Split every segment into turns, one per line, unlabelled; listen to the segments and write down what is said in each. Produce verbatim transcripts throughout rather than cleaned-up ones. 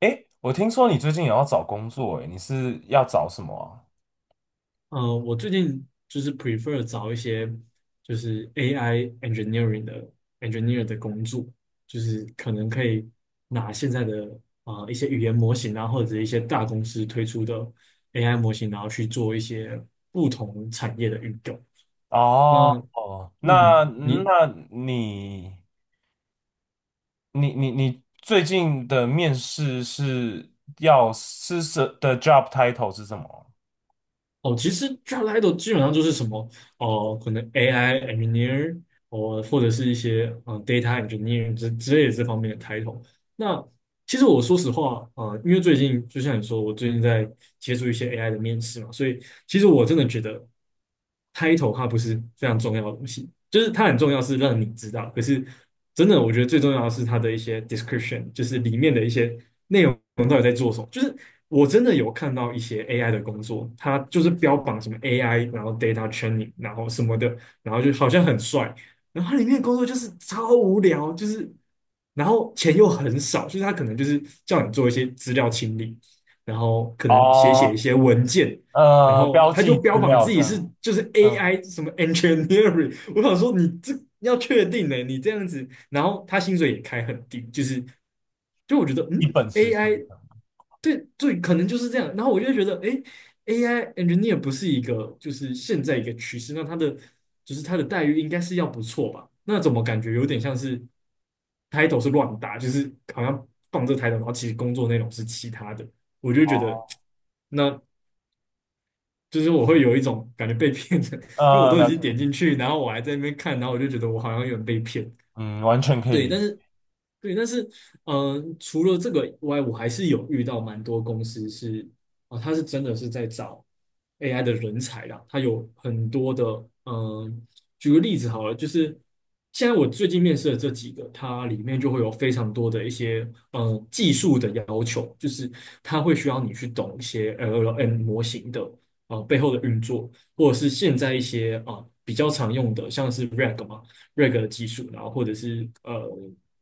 诶，我听说你最近也要找工作，诶，你是要找什么
呃，我最近就是 prefer 找一些就是 A I engineering 的 engineer 的工作，就是可能可以拿现在的啊、呃一些语言模型啊，或者一些大公司推出的 A I 模型，然后去做一些不同产业的运用。
啊？哦，
那
哦
嗯，
那
你
那你你你你最近的面试是要是什的 job title 是什么？
哦，其实 Job t 基本上就是什么，哦、可能 A I engineer，哦，或者是一些嗯、呃 data engineer 之之类的这方面的 title。那其实我说实话，呃，因为最近就像你说，我最近在接触一些 A I 的面试嘛，所以其实我真的觉得 title 它不是非常重要的东西，就是它很重要是让你知道，可是真的我觉得最重要的是它的一些 description，就是里面的一些内容。我们到底在做什么？就是我真的有看到一些 A I 的工作，它就是标榜什么 A I，然后 data training，然后什么的，然后就好像很帅，然后它里面的工作就是超无聊，就是然后钱又很少，就是它可能就是叫你做一些资料清理，然后可能写写一
哦，
些文件，然
呃，
后
标
他就
记
标
资
榜
料
自
这
己
样。
是就是
嗯，
A I 什么 engineering，我想说你这要确定呢、你这样子，然后他薪水也开很低，就是就我觉得
一
嗯
本实习。
，A I 对对，可能就是这样，然后我就觉得哎 a i engineer 不是一个就是现在一个趋势，那他的就是他的待遇应该是要不错吧？那怎么感觉有点像是 title 是乱打，就是好像放这 title，然后其实工作内容是其他的。我就觉得，
哦，
那就是我会有一种感觉被骗的，因为我
呃，
都已
了
经
解，
点进去，然后我还在那边看，然后我就觉得我好像有点被骗。
嗯，完全可以
对，
理
但
解。
是对，但是嗯，呃除了这个以外，我还是有遇到蛮多公司是啊、它是真的是在找 A I 的人才啦，它有很多的嗯、呃举个例子好了，就是现在我最近面试的这几个，它里面就会有非常多的一些呃技术的要求，就是它会需要你去懂一些 L L M 模型的啊、呃背后的运作，或者是现在一些啊、比较常用的像是 瑞格 嘛。瑞格的技术，然后或者是呃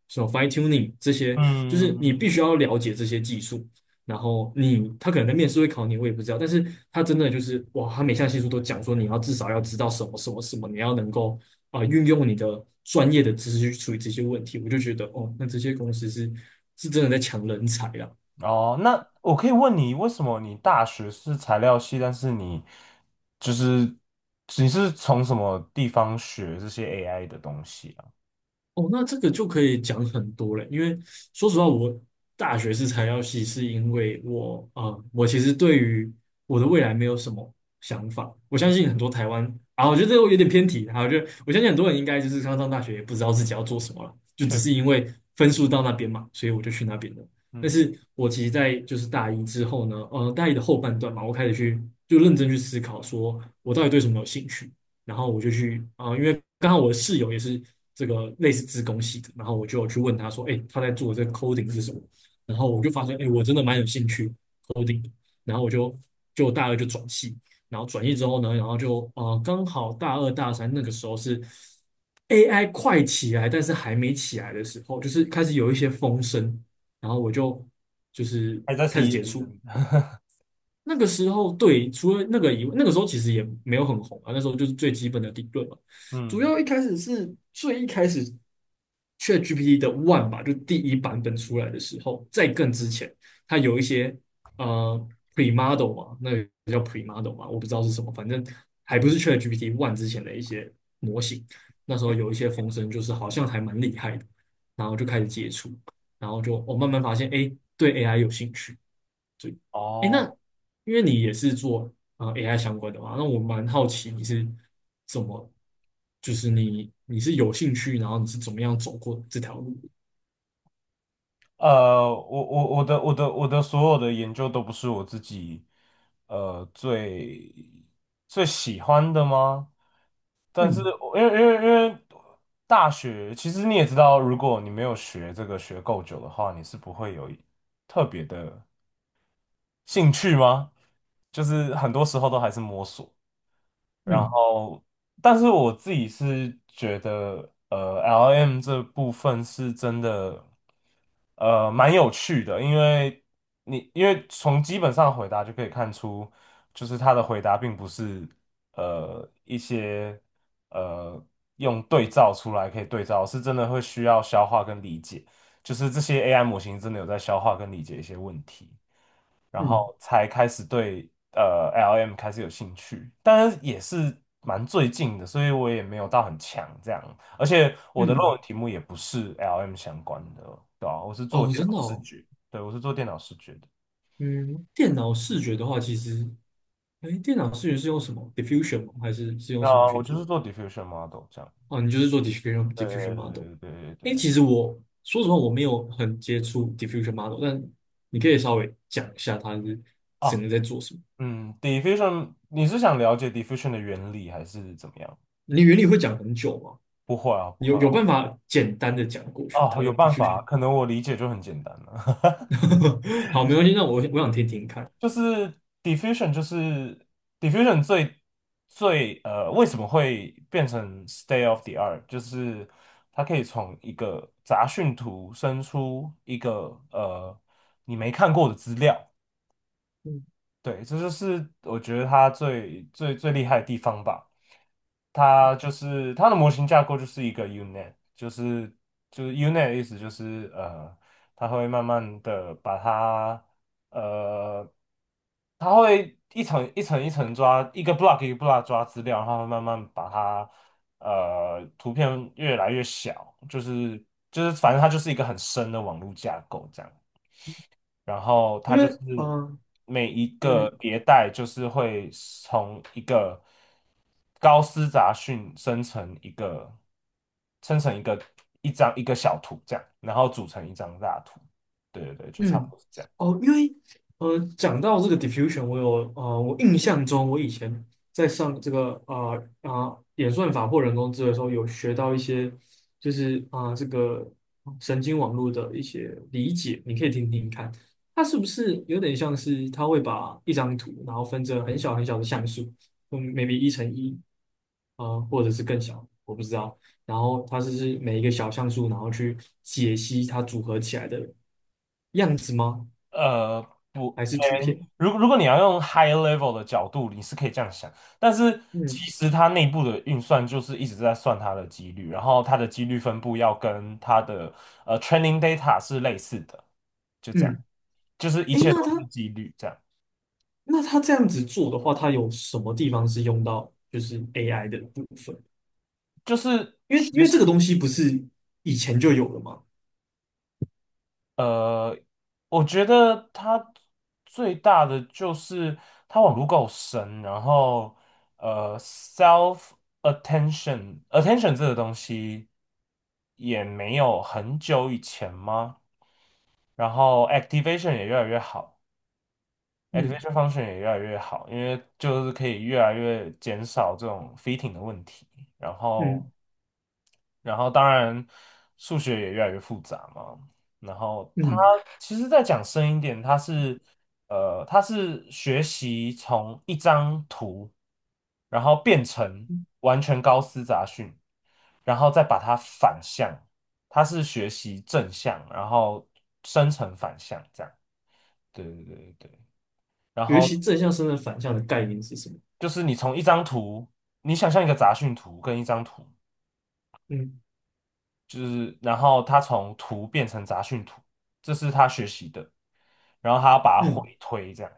什么 fine tuning 这些，就是你
嗯。
必须要了解这些技术。然后你他可能在面试会考你，我也不知道，但是他真的就是哇，他每项技术都讲说你要至少要知道什么什么什么，你要能够啊、呃运用你的专业的知识去处理这些问题，我就觉得哦，那这些公司是是真的在抢人才啦。
哦，那我可以问你，为什么你大学是材料系，但是你就是你是从什么地方学这些 A I 的东西啊？
哦，那这个就可以讲很多了，因为说实话，我大学是材料系，是因为我啊、呃我其实对于我的未来没有什么想法。我
嗯，
相信很多台湾啊，我觉得这个有点偏题，啊，我觉得我相信很多人应该就是刚上大学也不知道自己要做什么了，就只
确，
是因为分数到那边嘛，所以我就去那边了。但
嗯，
是我其实，在就是大一之后呢，呃，大一的后半段嘛，我开始去就认真去思考，说我到底对什么有兴趣。然后我就去啊、呃因为刚好我的室友也是这个类似自工系的，然后我就去问他说，哎、欸他在做的这个 coding 是什么？然后我就发现，哎、欸我真的蛮有兴趣 coding 的然后我就就大二就转系，然后转系之后呢，然后就呃刚好大二大三那个时候是 A I 快起来，但是还没起来的时候，就是开始有一些风声，然后我就就是
还在 C
开始
E
接触，
嗯，
那个时候，对，除了那个以外，那个时候其实也没有很红啊。那时候就是最基本的理论嘛。主
嗯，
要一开始是最一开始，ChatGPT 的 One 吧，就第一版本出来的时候，在更之前，它有一些呃 Premodel 嘛，那个叫 Premodel 嘛，我不知道是什么，反正还不是 ChatGPT One 之前的一些模型。那时候有一些风声，就是好像还蛮厉害的，然后就开始接触，然后就我、哦慢慢发现，哎，对 A I 有兴趣。对，哎，那
哦。
因为你也是做啊、呃 A I 相关的嘛，那我蛮好奇你是怎么，就是你你是有兴趣，然后你是怎么样走过这条路的？
呃，我我我的我的我的所有的研究都不是我自己呃最最喜欢的吗？但是
嗯
我因为因为因为大学，其实你也知道，如果你没有学这个学够久的话，你是不会有特别的兴趣吗？就是很多时候都还是摸索。然
嗯
后，但是我自己是觉得，呃，L M 这部分是真的，呃，蛮有趣的，因为你因为从基本上回答就可以看出，就是他的回答并不是呃一些呃用对照出来可以对照，是真的会需要消化跟理解，就是这些 A I 模型真的有在消化跟理解一些问题。然
嗯
后才开始对呃 L M 开始有兴趣，当然也是蛮最近的，所以我也没有到很强这样，而且我的论文
嗯，
题目也不是 L M 相关的。对啊，我是做
哦，
电
真
脑
的
视
哦，
觉。对，我是做电脑视觉的。
嗯，电脑视觉的话，其实，哎，电脑视觉是用什么 diffusion 吗？还是是用什么
那
去
我就
做？
是做 diffusion model 这样。
哦，你就是做 diffusion diffusion
对
model。
对对对对对
哎，
对。
其实我说实话，我没有很接触 diffusion model，但你可以稍微讲一下它是整
哦。
个在做什么。
嗯，diffusion，你是想了解 diffusion 的原理还是怎么样？
你原理会讲很久吗？
不会啊，不
你有
会
有
啊。
办法简单的讲过去它
哦，
的
有办法啊，
diffusion？
可能我理解就很简单了。
好，没关系，那我我想听听看。
就是 diffusion，就是 diffusion 最最呃，为什么会变成 state of the art？就是它可以从一个杂讯图生出一个呃你没看过的资料。
嗯，
对，这就是我觉得它最最最厉害的地方吧。它就是它的模型架构就是一个 unit，就是就是 unit 的意思就是呃，它会慢慢的把它呃，它会一层一层一层抓，一个 block 一个 block 抓资料，然后它会慢慢把它呃图片越来越小，就是就是反正它就是一个很深的网络架构这样。然后它
因为
就是
啊，呃
每一
那
个
你
迭代就是会从一个高斯杂讯生成一个生成一个一张一个小图这样，然后组成一张大图。对对对，就差不
嗯，
多是这样。
哦，因为呃，讲到这个 diffusion，我有呃，我印象中我以前在上这个呃啊、呃演算法或人工智能的时候，有学到一些就是啊、呃这个神经网络的一些理解，你可以听听看，它是不是有点像是它会把一张图，然后分成很小很小的像素，嗯，maybe 一乘一，呃，或者是更小，我不知道。然后它是是每一个小像素，然后去解析它组合起来的样子吗？
呃，不，
还是图片？
嗯，如如果你要用 high level 的角度，你是可以这样想，但是其
嗯
实它内部的运算就是一直在算它的几率，然后它的几率分布要跟它的呃 training data 是类似的。就这样，
嗯，
就是一
诶，
切
那
都是
他
几率，这样
那他这样子做的话，他有什么地方是用到就是 A I 的部分？
就是
因为因
学
为这个
习。
东西不是以前就有了吗？
呃，我觉得它最大的就是它网路够深，然后呃，self attention attention 这个东西也没有很久以前吗？然后 activation 也越来越好
嗯
，activation function 也越来越好，因为就是可以越来越减少这种 fitting 的问题，然后。
嗯
然后当然数学也越来越复杂嘛。然后他
嗯，
其实再讲深一点，他是呃，他是学习从一张图，然后变成完全高斯杂讯，然后再把它反向，他是学习正向，然后生成反向这样。对对对对对。然
尤
后
其正向身份反向的概念是什么？
就是你从一张图，你想象一个杂讯图跟一张图。
嗯
就是然后他从图变成杂讯图，这是他学习的，然后他要把它
嗯
回推这样，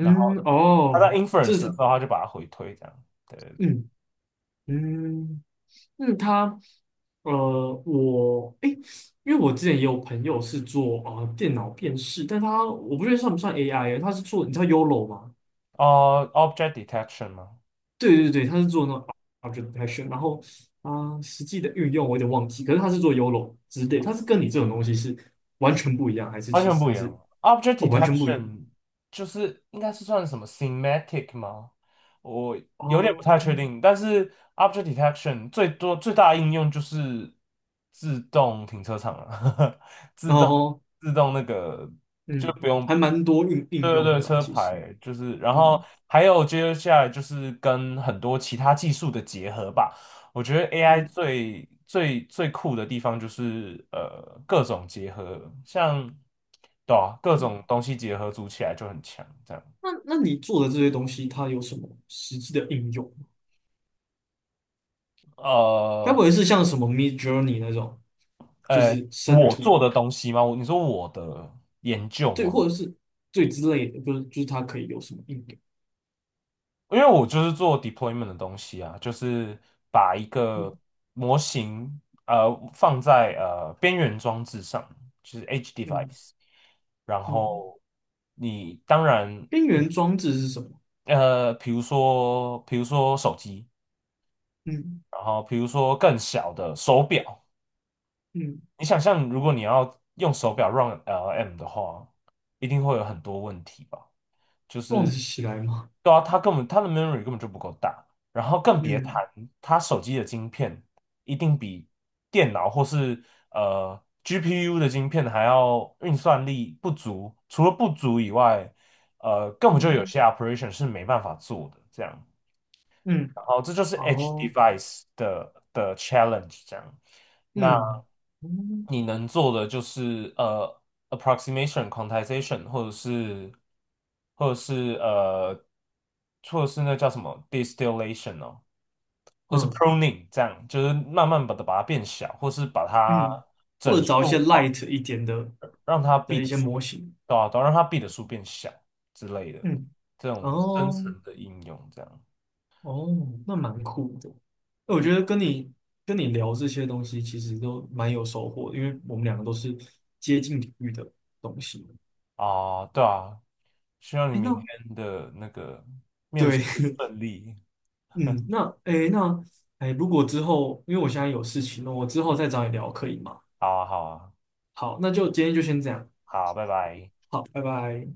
然后他在
哦，
inference 的
这
时
是
候他就把它回推这样。对对对。
嗯嗯嗯，他呃，我哎诶。因为我之前也有朋友是做啊、呃电脑辨识，但他我不确定算不算 A I，他是做你知道 YOLO 吗
哦、o b j e c t detection 吗？
对对对，他是做那种 object detection，然后啊、实际的运用我有点忘记，可是他是做 YOLO 之类，他是跟你这种东西是完全不一样，还是
完
其
全
实
不一
他
样
是
，object
哦完全不一样
detection 就是应该是算什么 semantic 吗？我有点不太
哦，
确定，但是 object detection 最多最大的应用就是自动停车场了，自
然
动
后
自动那个。就
嗯，
不用。
还蛮多应
对
应
对
用
对，
的啦，
车
其实
牌就是，然后
嗯
还有接下来就是跟很多其他技术的结合吧。我觉得 A I
嗯
最最最酷的地方就是呃各种结合，像对啊，各
嗯，
种东西结合组起来就很强。这样，
那那你做的这些东西，它有什么实际的应用吗？该不
呃
会是像什么 Mid Journey 那种，就
呃，
是生
我做
图
的东西吗？我你说我的研究
对，
吗？
或者是对之类的，就是就是它可以有什么应用？
因为我就是做 deployment 的东西啊，就是把一个
嗯
模型呃放在呃边缘装置上，就是 edge
嗯
device，然
嗯
后你当然
边缘装置是什么？
呃，比如说比如说手机，
嗯
然后比如说更小的手表，
嗯，
你想象，如果你要用手表 run L M 的话，一定会有很多问题吧？就
忘得
是，
起来吗？
对啊，它根本它的 memory 根本就不够大，然后更别谈
嗯
它手机的晶片一定比电脑或是呃 G P U 的晶片还要运算力不足，除了不足以外，呃，根本就有
嗯
些 operation 是没办法做的，这样。
嗯，
然后这就是 edge
哦，
device 的的 challenge 这样。那
嗯嗯
你能做的就是呃 approximation、quantization，或者是或者是呃，或者是那叫什么 distillation 哦，或是
嗯
pruning 这样，就是慢慢把它把它变小，或是把它
嗯，或
整
者找一些
数化，
light 一点的
让它 b
的一
的
些
数，
模型。
对吧、啊？对啊让它 b 的数变小之类的，
嗯，
这种深
哦
层的应用这样。
哦，那蛮酷的。哎我
嗯。
觉得跟你跟你聊这些东西，其实都蛮有收获的因为我们两个都是接近领域的东西。
啊，对啊，希望你
哎，
明
那
天的那个面试
对，
顺利。
嗯，那哎那哎，诶如果之后，因为我现在有事情了，我之后再找你聊可以吗？
好啊，好啊，
好，那就今天就先这样，
好，拜拜。
好，拜拜。